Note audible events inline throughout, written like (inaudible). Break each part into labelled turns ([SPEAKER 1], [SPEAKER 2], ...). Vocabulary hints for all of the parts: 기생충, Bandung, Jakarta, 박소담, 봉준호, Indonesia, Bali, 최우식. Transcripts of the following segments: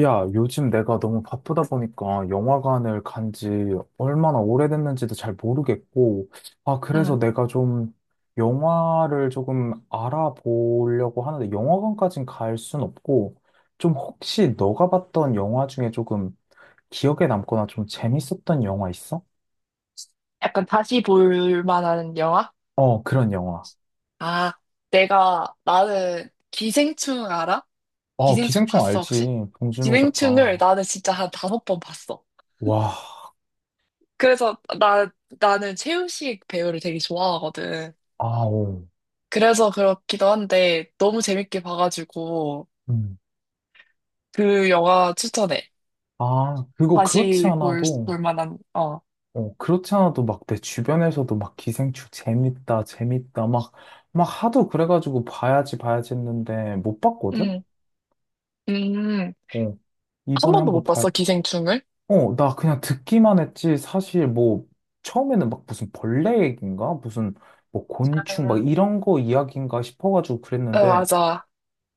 [SPEAKER 1] 야, 요즘 내가 너무 바쁘다 보니까 영화관을 간지 얼마나 오래됐는지도 잘 모르겠고, 아, 그래서
[SPEAKER 2] 음,
[SPEAKER 1] 내가 좀 영화를 조금 알아보려고 하는데, 영화관까진 갈 순 없고, 좀 혹시 너가 봤던 영화 중에 조금 기억에 남거나 좀 재밌었던 영화 있어?
[SPEAKER 2] 약간 다시 볼 만한 영화?
[SPEAKER 1] 어, 그런 영화.
[SPEAKER 2] 아, 나는 기생충 알아?
[SPEAKER 1] 어,
[SPEAKER 2] 기생충
[SPEAKER 1] 기생충
[SPEAKER 2] 봤어,
[SPEAKER 1] 알지?
[SPEAKER 2] 혹시?
[SPEAKER 1] 봉준호
[SPEAKER 2] 기생충을
[SPEAKER 1] 작가.
[SPEAKER 2] 나는 진짜 한 5번 봤어.
[SPEAKER 1] 와,
[SPEAKER 2] 그래서 나는 최우식 배우를 되게 좋아하거든.
[SPEAKER 1] 아오.
[SPEAKER 2] 그래서 그렇기도 한데 너무 재밌게 봐가지고
[SPEAKER 1] 음.
[SPEAKER 2] 그 영화 추천해.
[SPEAKER 1] 아, 그거 그렇지
[SPEAKER 2] 다시
[SPEAKER 1] 않아도.
[SPEAKER 2] 볼 만한, 어.
[SPEAKER 1] 어, 그렇지 않아도 막 내 주변에서도 막 기생충 재밌다, 재밌다, 막, 막 하도 그래가지고 봐야지, 봐야지 했는데 못 봤거든?
[SPEAKER 2] 음, 음.
[SPEAKER 1] 어,
[SPEAKER 2] 한
[SPEAKER 1] 이번에
[SPEAKER 2] 번도
[SPEAKER 1] 한번
[SPEAKER 2] 못
[SPEAKER 1] 봐야,
[SPEAKER 2] 봤어, 기생충을?
[SPEAKER 1] 어, 나 그냥 듣기만 했지. 사실 뭐, 처음에는 막 무슨 벌레 얘기인가? 무슨 뭐
[SPEAKER 2] 아,
[SPEAKER 1] 곤충 막 이런 거 이야기인가 싶어가지고
[SPEAKER 2] 어,
[SPEAKER 1] 그랬는데
[SPEAKER 2] 맞아,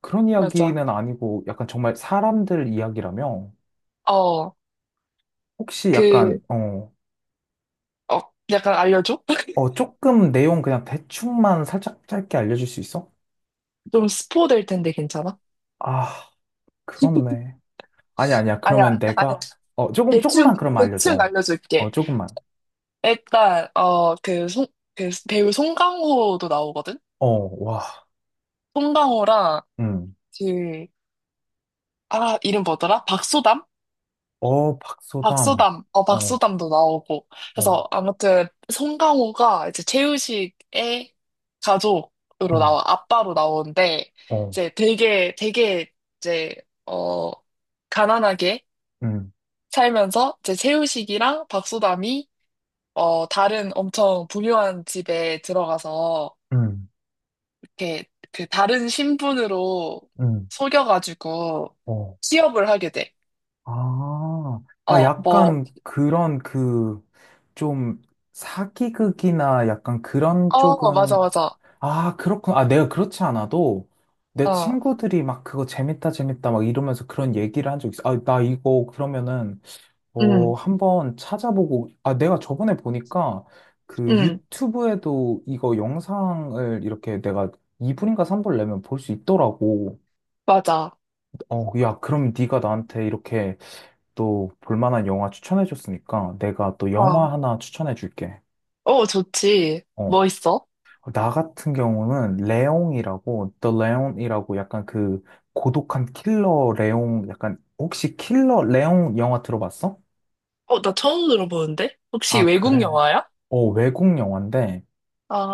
[SPEAKER 1] 그런
[SPEAKER 2] 맞아.
[SPEAKER 1] 이야기는 아니고 약간 정말 사람들 이야기라며?
[SPEAKER 2] 어,
[SPEAKER 1] 혹시
[SPEAKER 2] 그,
[SPEAKER 1] 약간, 어,
[SPEAKER 2] 어, 약간 알려줘? (laughs)
[SPEAKER 1] 어, 조금 내용 그냥 대충만 살짝 짧게 알려줄 수 있어?
[SPEAKER 2] 좀 스포 될 텐데 괜찮아?
[SPEAKER 1] 아. 그렇네. 아니, 아니야.
[SPEAKER 2] 아니야,
[SPEAKER 1] 그러면
[SPEAKER 2] 아니야.
[SPEAKER 1] 내가, 어, 조금,
[SPEAKER 2] 대충,
[SPEAKER 1] 조금만 그럼
[SPEAKER 2] 대충
[SPEAKER 1] 알려줘. 어,
[SPEAKER 2] 알려줄게.
[SPEAKER 1] 조금만.
[SPEAKER 2] 일단, 그 배우 송강호도 나오거든?
[SPEAKER 1] 어, 와,
[SPEAKER 2] 송강호랑
[SPEAKER 1] 음.
[SPEAKER 2] 그, 이름 뭐더라? 박소담?
[SPEAKER 1] 어, 박소담. 어,
[SPEAKER 2] 박소담도 나오고.
[SPEAKER 1] 어,
[SPEAKER 2] 그래서 아무튼 송강호가 이제 최우식의 가족으로
[SPEAKER 1] 음,
[SPEAKER 2] 나와, 아빠로 나오는데,
[SPEAKER 1] 어,
[SPEAKER 2] 이제 되게, 이제, 어, 가난하게,
[SPEAKER 1] 음,
[SPEAKER 2] 살면서 제 채우식이랑 박소담이 다른 엄청 부유한 집에 들어가서
[SPEAKER 1] 음,
[SPEAKER 2] 이렇게 그 다른 신분으로
[SPEAKER 1] 음,
[SPEAKER 2] 속여가지고
[SPEAKER 1] 어.
[SPEAKER 2] 취업을 하게 돼.
[SPEAKER 1] 아, 아,
[SPEAKER 2] 어, 뭐,
[SPEAKER 1] 약간 그런 그, 좀, 사기극이나 약간 그런
[SPEAKER 2] 어, 맞아,
[SPEAKER 1] 쪽은,
[SPEAKER 2] 맞아.
[SPEAKER 1] 아, 그렇구나. 아, 내가 그렇지 않아도, 내
[SPEAKER 2] 어,
[SPEAKER 1] 친구들이 막 그거 재밌다, 재밌다, 막 이러면서 그런 얘기를 한 적 있어. 아, 나 이거 그러면은, 어,
[SPEAKER 2] 응,
[SPEAKER 1] 한번 찾아보고, 아, 내가 저번에 보니까 그
[SPEAKER 2] 응,
[SPEAKER 1] 유튜브에도 이거 영상을 이렇게 내가 2분인가 3분 내면 볼 수 있더라고.
[SPEAKER 2] 맞아.
[SPEAKER 1] 어, 야, 그럼 네가 나한테 이렇게 또 볼만한 영화 추천해줬으니까 내가 또
[SPEAKER 2] 어,
[SPEAKER 1] 영화 하나 추천해줄게.
[SPEAKER 2] 어, 좋지.
[SPEAKER 1] 어,
[SPEAKER 2] 뭐 있어?
[SPEAKER 1] 나 같은 경우는 레옹이라고, The Leon이라고 약간 그 고독한 킬러 레옹, 약간 혹시 킬러 레옹 영화 들어봤어?
[SPEAKER 2] 어, 나 처음 들어보는데? 혹시
[SPEAKER 1] 아,
[SPEAKER 2] 외국
[SPEAKER 1] 그래.
[SPEAKER 2] 영화야?
[SPEAKER 1] 어, 외국 영화인데,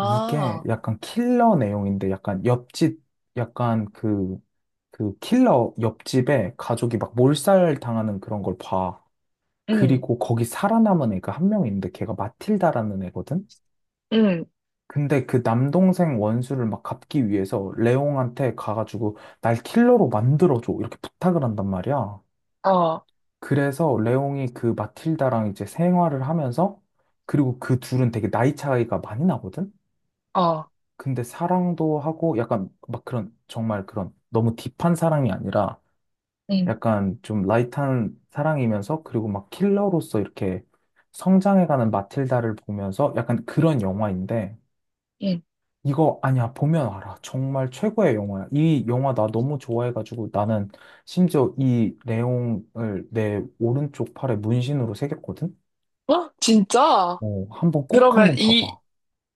[SPEAKER 1] 이게 약간 킬러 내용인데 약간 옆집 약간 그 킬러 옆집에 가족이 막 몰살 당하는 그런 걸 봐.
[SPEAKER 2] 응,
[SPEAKER 1] 그리고 거기 살아남은 애가 한 명 있는데 걔가 마틸다라는 애거든.
[SPEAKER 2] 응,
[SPEAKER 1] 근데 그 남동생 원수를 막 갚기 위해서 레옹한테 가가지고 날 킬러로 만들어줘 이렇게 부탁을 한단 말이야.
[SPEAKER 2] 어,
[SPEAKER 1] 그래서 레옹이 그 마틸다랑 이제 생활을 하면서 그리고 그 둘은 되게 나이 차이가 많이 나거든.
[SPEAKER 2] 어,
[SPEAKER 1] 근데 사랑도 하고 약간 막 그런 정말 그런 너무 딥한 사랑이 아니라
[SPEAKER 2] 응,
[SPEAKER 1] 약간 좀 라이트한 사랑이면서 그리고 막 킬러로서 이렇게 성장해가는 마틸다를 보면서 약간 그런 영화인데
[SPEAKER 2] 응.
[SPEAKER 1] 이거 아니야 보면 알아. 정말 최고의 영화야. 이 영화 나 너무 좋아해가지고 나는 심지어 이 레옹을 내 오른쪽 팔에 문신으로 새겼거든.
[SPEAKER 2] 어? 진짜?
[SPEAKER 1] 어, 한번 꼭
[SPEAKER 2] 그러면
[SPEAKER 1] 한번 봐봐.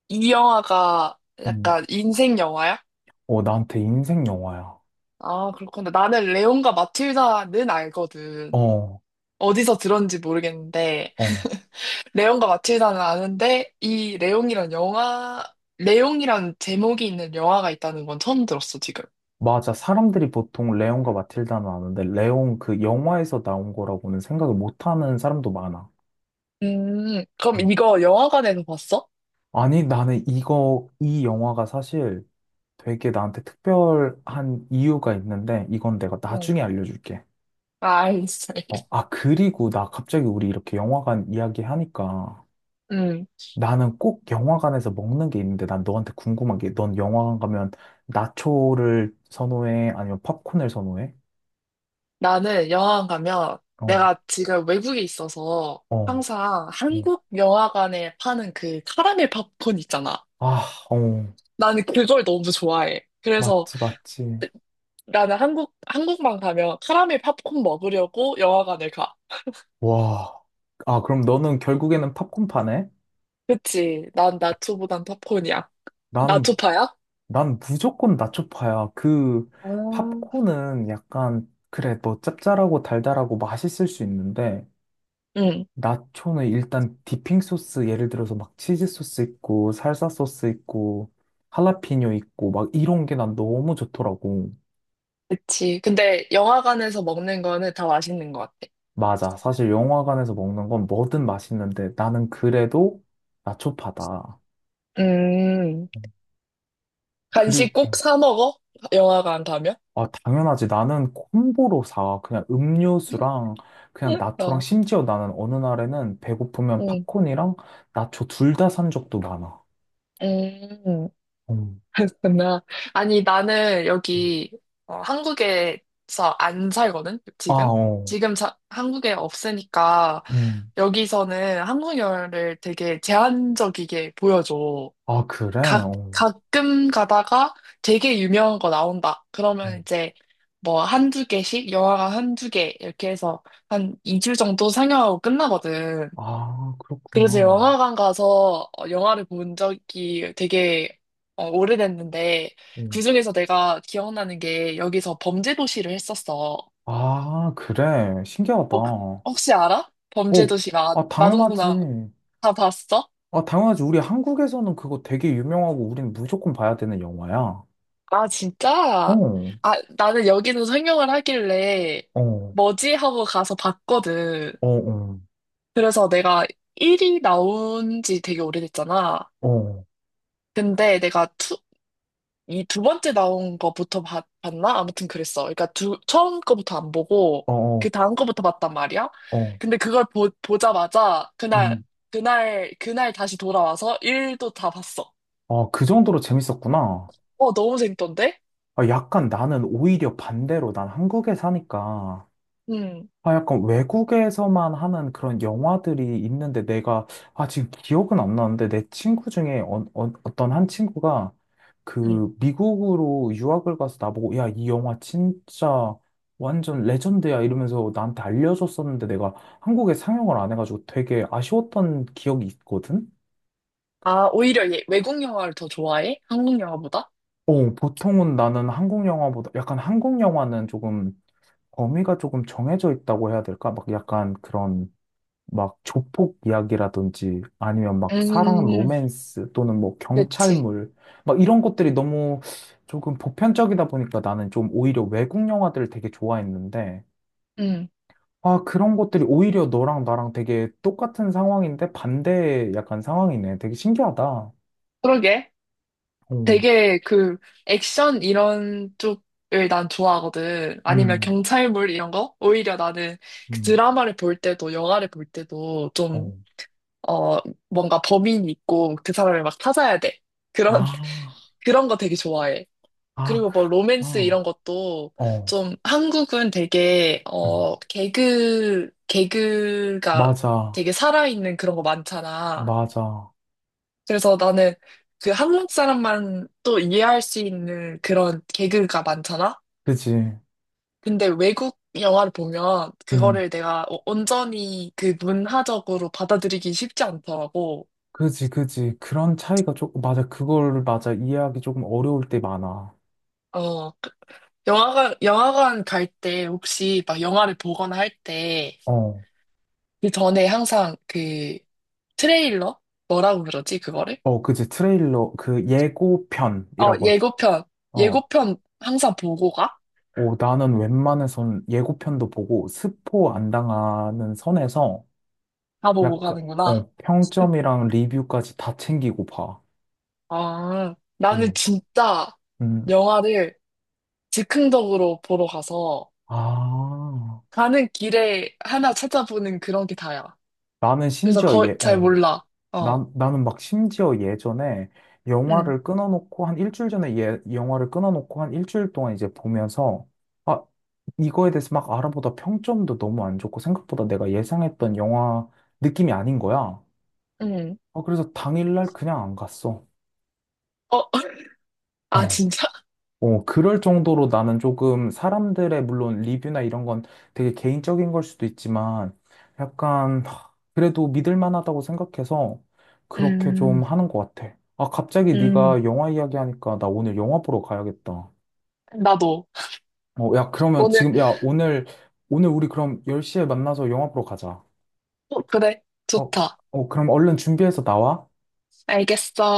[SPEAKER 2] 이 영화가
[SPEAKER 1] 음.
[SPEAKER 2] 약간 인생 영화야?
[SPEAKER 1] 어, 나한테 인생 영화야.
[SPEAKER 2] 아, 그렇구나. 나는 레온과 마틸다는 알거든.
[SPEAKER 1] 어,
[SPEAKER 2] 어디서 들었는지 모르겠는데,
[SPEAKER 1] 어.
[SPEAKER 2] 레온과 마틸다는 아는데, 이 레온이란 영화, 레온이란 제목이 있는 영화가 있다는 건 처음 들었어, 지금.
[SPEAKER 1] 맞아. 사람들이 보통 레온과 마틸다는 아는데 레온 그 영화에서 나온 거라고는 생각을 못 하는 사람도 많아.
[SPEAKER 2] 그럼
[SPEAKER 1] 음.
[SPEAKER 2] 이거 영화관에서 봤어?
[SPEAKER 1] 아니, 나는 이거, 이 영화가 사실 되게 나한테 특별한 이유가 있는데, 이건 내가
[SPEAKER 2] 응.
[SPEAKER 1] 나중에 알려줄게.
[SPEAKER 2] 아, 알겠어.
[SPEAKER 1] 어, 아, 그리고 나 갑자기 우리 이렇게 영화관 이야기 하니까
[SPEAKER 2] 음,
[SPEAKER 1] 나는 꼭 영화관에서 먹는 게 있는데, 난 너한테 궁금한 게, 넌 영화관 가면 나초를 선호해? 아니면 popcorn을 선호해?
[SPEAKER 2] 나는 영화관 가면
[SPEAKER 1] 어,
[SPEAKER 2] 내가 지금 외국에 있어서
[SPEAKER 1] 어,
[SPEAKER 2] 항상
[SPEAKER 1] 어.
[SPEAKER 2] 한국 영화관에 파는 그 카라멜 팝콘 있잖아.
[SPEAKER 1] 아, 어.
[SPEAKER 2] 나는 그걸 너무 좋아해. 그래서
[SPEAKER 1] 맞지, 맞지.
[SPEAKER 2] 나는 한국만 가면 카라멜 팝콘 먹으려고 영화관을 가.
[SPEAKER 1] 와. 아, 그럼 너는 결국에는 팝콘파네?
[SPEAKER 2] 그치. 난 나초보단 팝콘이야.
[SPEAKER 1] 나는,
[SPEAKER 2] 나초파야?
[SPEAKER 1] 난 무조건 나초파야. 그,
[SPEAKER 2] 아.
[SPEAKER 1] 팝콘은 약간, 그래, 너 짭짤하고 달달하고 맛있을 수 있는데,
[SPEAKER 2] 응,
[SPEAKER 1] 나초는 일단 디핑 소스, 예를 들어서 막 치즈 소스 있고, 살사 소스 있고, 할라피뇨 있고, 막 이런 게 난 너무 좋더라고.
[SPEAKER 2] 그치. 근데 영화관에서 먹는 거는 다 맛있는 것 같아.
[SPEAKER 1] 맞아. 사실 영화관에서 먹는 건 뭐든 맛있는데, 나는 그래도 나초파다.
[SPEAKER 2] 음,
[SPEAKER 1] 그리,
[SPEAKER 2] 간식 꼭
[SPEAKER 1] 어.
[SPEAKER 2] 사 먹어? 영화관 가면?
[SPEAKER 1] 아, 당연하지. 나는 콤보로 사. 그냥 음료수랑 그냥
[SPEAKER 2] 응.
[SPEAKER 1] 나초랑
[SPEAKER 2] 어,
[SPEAKER 1] 심지어 나는 어느 날에는 배고프면
[SPEAKER 2] 응,
[SPEAKER 1] 팝콘이랑 나초 둘 다 산 적도 많아.
[SPEAKER 2] 음.
[SPEAKER 1] 음.
[SPEAKER 2] 그렇구나. 아니, 나는 여기 한국에서 안 살거든,
[SPEAKER 1] 아,
[SPEAKER 2] 지금?
[SPEAKER 1] 어.
[SPEAKER 2] 지금 한국에 없으니까
[SPEAKER 1] 음.
[SPEAKER 2] 여기서는 한국어를 되게 제한적이게 보여줘.
[SPEAKER 1] 아, 그래? 어.
[SPEAKER 2] 가끔 가다가 되게 유명한 거 나온다.
[SPEAKER 1] 어.
[SPEAKER 2] 그러면 이제 뭐 한두 개씩, 영화가 한두 개 이렇게 해서 한 2주 정도 상영하고 끝나거든.
[SPEAKER 1] 아, 그렇구나.
[SPEAKER 2] 그래서
[SPEAKER 1] 어.
[SPEAKER 2] 영화관 가서 영화를 본 적이 되게 오래됐는데, 그중에서 내가 기억나는 게 여기서 범죄도시를 했었어.
[SPEAKER 1] 아, 그래. 신기하다.
[SPEAKER 2] 어, 그-
[SPEAKER 1] 어,
[SPEAKER 2] 혹시 알아? 범죄도시가
[SPEAKER 1] 아, 당연하지.
[SPEAKER 2] 마동석나 다 봤어?
[SPEAKER 1] 아, 당연하지. 우리 한국에서는 그거 되게 유명하고 우린 무조건 봐야 되는 영화야. 어,
[SPEAKER 2] 아, 진짜? 아, 나는 여기는 상영을 하길래
[SPEAKER 1] 어,
[SPEAKER 2] 뭐지 하고 가서 봤거든.
[SPEAKER 1] 어, 어,
[SPEAKER 2] 그래서 내가 1이 나온 지 되게 오래됐잖아.
[SPEAKER 1] 어,
[SPEAKER 2] 근데 내가 이 두 번째 나온 거부터 나 아무튼 그랬어. 그러니까 처음 거부터 안 보고
[SPEAKER 1] 어, 어.
[SPEAKER 2] 그 다음 거부터 봤단 말이야.
[SPEAKER 1] 어.
[SPEAKER 2] 근데 그걸 보자마자 그날
[SPEAKER 1] 음.
[SPEAKER 2] 그날 그날 다시 돌아와서 일도 다 봤어.
[SPEAKER 1] 아, 그 정도로 재밌었구나.
[SPEAKER 2] 어, 너무 재밌던데?
[SPEAKER 1] 아, 약간 나는 오히려 반대로 난 한국에 사니까,
[SPEAKER 2] 음,
[SPEAKER 1] 아, 약간 외국에서만 하는 그런 영화들이 있는데 내가, 아, 지금 기억은 안 나는데 내 친구 중에 어, 어, 어떤 한 친구가
[SPEAKER 2] 음.
[SPEAKER 1] 그 미국으로 유학을 가서 나보고, 야, 이 영화 진짜 완전 레전드야 이러면서 나한테 알려줬었는데 내가 한국에 상영을 안 해가지고 되게 아쉬웠던 기억이 있거든?
[SPEAKER 2] 아, 오히려 얘 외국 영화를 더 좋아해? 한국 영화보다?
[SPEAKER 1] 어, 보통은 나는 한국 영화보다 약간 한국 영화는 조금 범위가 조금 정해져 있다고 해야 될까? 막 약간 그런 막 조폭 이야기라든지 아니면 막 사랑
[SPEAKER 2] 음,
[SPEAKER 1] 로맨스 또는 뭐
[SPEAKER 2] 그치.
[SPEAKER 1] 경찰물 막 이런 것들이 너무 조금 보편적이다 보니까 나는 좀 오히려 외국 영화들을 되게 좋아했는데
[SPEAKER 2] 음,
[SPEAKER 1] 아, 그런 것들이 오히려 너랑 나랑 되게 똑같은 상황인데 반대의 약간 상황이네. 되게 신기하다.
[SPEAKER 2] 그러게.
[SPEAKER 1] 어,
[SPEAKER 2] 되게 그 액션 이런 쪽을 난 좋아하거든. 아니면
[SPEAKER 1] 음,
[SPEAKER 2] 경찰물 이런 거? 오히려 나는 그
[SPEAKER 1] 음,
[SPEAKER 2] 드라마를 볼 때도 영화를 볼 때도 좀,
[SPEAKER 1] 어.
[SPEAKER 2] 어, 뭔가 범인이 있고 그 사람을 막 찾아야 돼. 그런,
[SPEAKER 1] 아.
[SPEAKER 2] (laughs) 그런 거 되게 좋아해.
[SPEAKER 1] 아,
[SPEAKER 2] 그리고 뭐 로맨스 이런
[SPEAKER 1] 그렇구나.
[SPEAKER 2] 것도
[SPEAKER 1] 어,
[SPEAKER 2] 좀 한국은 되게,
[SPEAKER 1] 음.
[SPEAKER 2] 개그가
[SPEAKER 1] 맞아,
[SPEAKER 2] 되게 살아있는 그런 거 많잖아.
[SPEAKER 1] 맞아.
[SPEAKER 2] 그래서 나는 그 한국 사람만 또 이해할 수 있는 그런 개그가 많잖아?
[SPEAKER 1] 그지,
[SPEAKER 2] 근데 외국 영화를 보면
[SPEAKER 1] 음,
[SPEAKER 2] 그거를 내가 온전히 그 문화적으로 받아들이기 쉽지 않더라고.
[SPEAKER 1] 그지, 그지. 그런 차이가 조금, 맞아. 그걸, 맞아. 이해하기 조금 어려울 때 많아.
[SPEAKER 2] 어, 영화관 갈 때 혹시 막 영화를 보거나 할 때
[SPEAKER 1] 어,
[SPEAKER 2] 그 전에 항상 그 트레일러? 뭐라고 그러지, 그거를?
[SPEAKER 1] 어, 그지. 트레일러, 그
[SPEAKER 2] 어,
[SPEAKER 1] 예고편이라고 하지.
[SPEAKER 2] 예고편.
[SPEAKER 1] 어,
[SPEAKER 2] 예고편 항상 보고 가?
[SPEAKER 1] 오, 나는 웬만해선 예고편도 보고 스포 안 당하는 선에서
[SPEAKER 2] 다 보고
[SPEAKER 1] 약간,
[SPEAKER 2] 가는구나.
[SPEAKER 1] 어, 평점이랑 리뷰까지 다 챙기고 봐.
[SPEAKER 2] 아, 나는
[SPEAKER 1] 음.
[SPEAKER 2] 진짜
[SPEAKER 1] 음,
[SPEAKER 2] 영화를 즉흥적으로 보러 가서
[SPEAKER 1] 아,
[SPEAKER 2] 가는 길에 하나 찾아보는 그런 게 다야.
[SPEAKER 1] 나는
[SPEAKER 2] 그래서
[SPEAKER 1] 심지어
[SPEAKER 2] 거의
[SPEAKER 1] 예,
[SPEAKER 2] 잘
[SPEAKER 1] 어.
[SPEAKER 2] 몰라. 어,
[SPEAKER 1] 난, 나는 막 심지어 예전에
[SPEAKER 2] 응,
[SPEAKER 1] 영화를 끊어놓고 한 일주일 전에 예, 영화를 끊어놓고 한 일주일 동안 이제 보면서 아, 이거에 대해서 막 알아보다 평점도 너무 안 좋고 생각보다 내가 예상했던 영화 느낌이 아닌 거야.
[SPEAKER 2] 응.
[SPEAKER 1] 아, 그래서 당일날 그냥 안 갔어.
[SPEAKER 2] 어, (laughs) 아,
[SPEAKER 1] (laughs)
[SPEAKER 2] 진짜?
[SPEAKER 1] 어, 그럴 정도로 나는 조금 사람들의 물론 리뷰나 이런 건 되게 개인적인 걸 수도 있지만 약간 하, 그래도 믿을 만하다고 생각해서 그렇게 좀
[SPEAKER 2] 음,
[SPEAKER 1] 하는 것 같아. 아, 갑자기
[SPEAKER 2] 음,
[SPEAKER 1] 네가 영화 이야기하니까 나 오늘 영화 보러 가야겠다.
[SPEAKER 2] 나도.
[SPEAKER 1] 어, 야, 그러면
[SPEAKER 2] 오늘,
[SPEAKER 1] 지금 야, 오늘 오늘 우리 그럼 10시에 만나서 영화 보러 가자.
[SPEAKER 2] 어, 그래,
[SPEAKER 1] 어,
[SPEAKER 2] 좋다.
[SPEAKER 1] 어, 그럼 얼른 준비해서 나와.
[SPEAKER 2] 알겠어.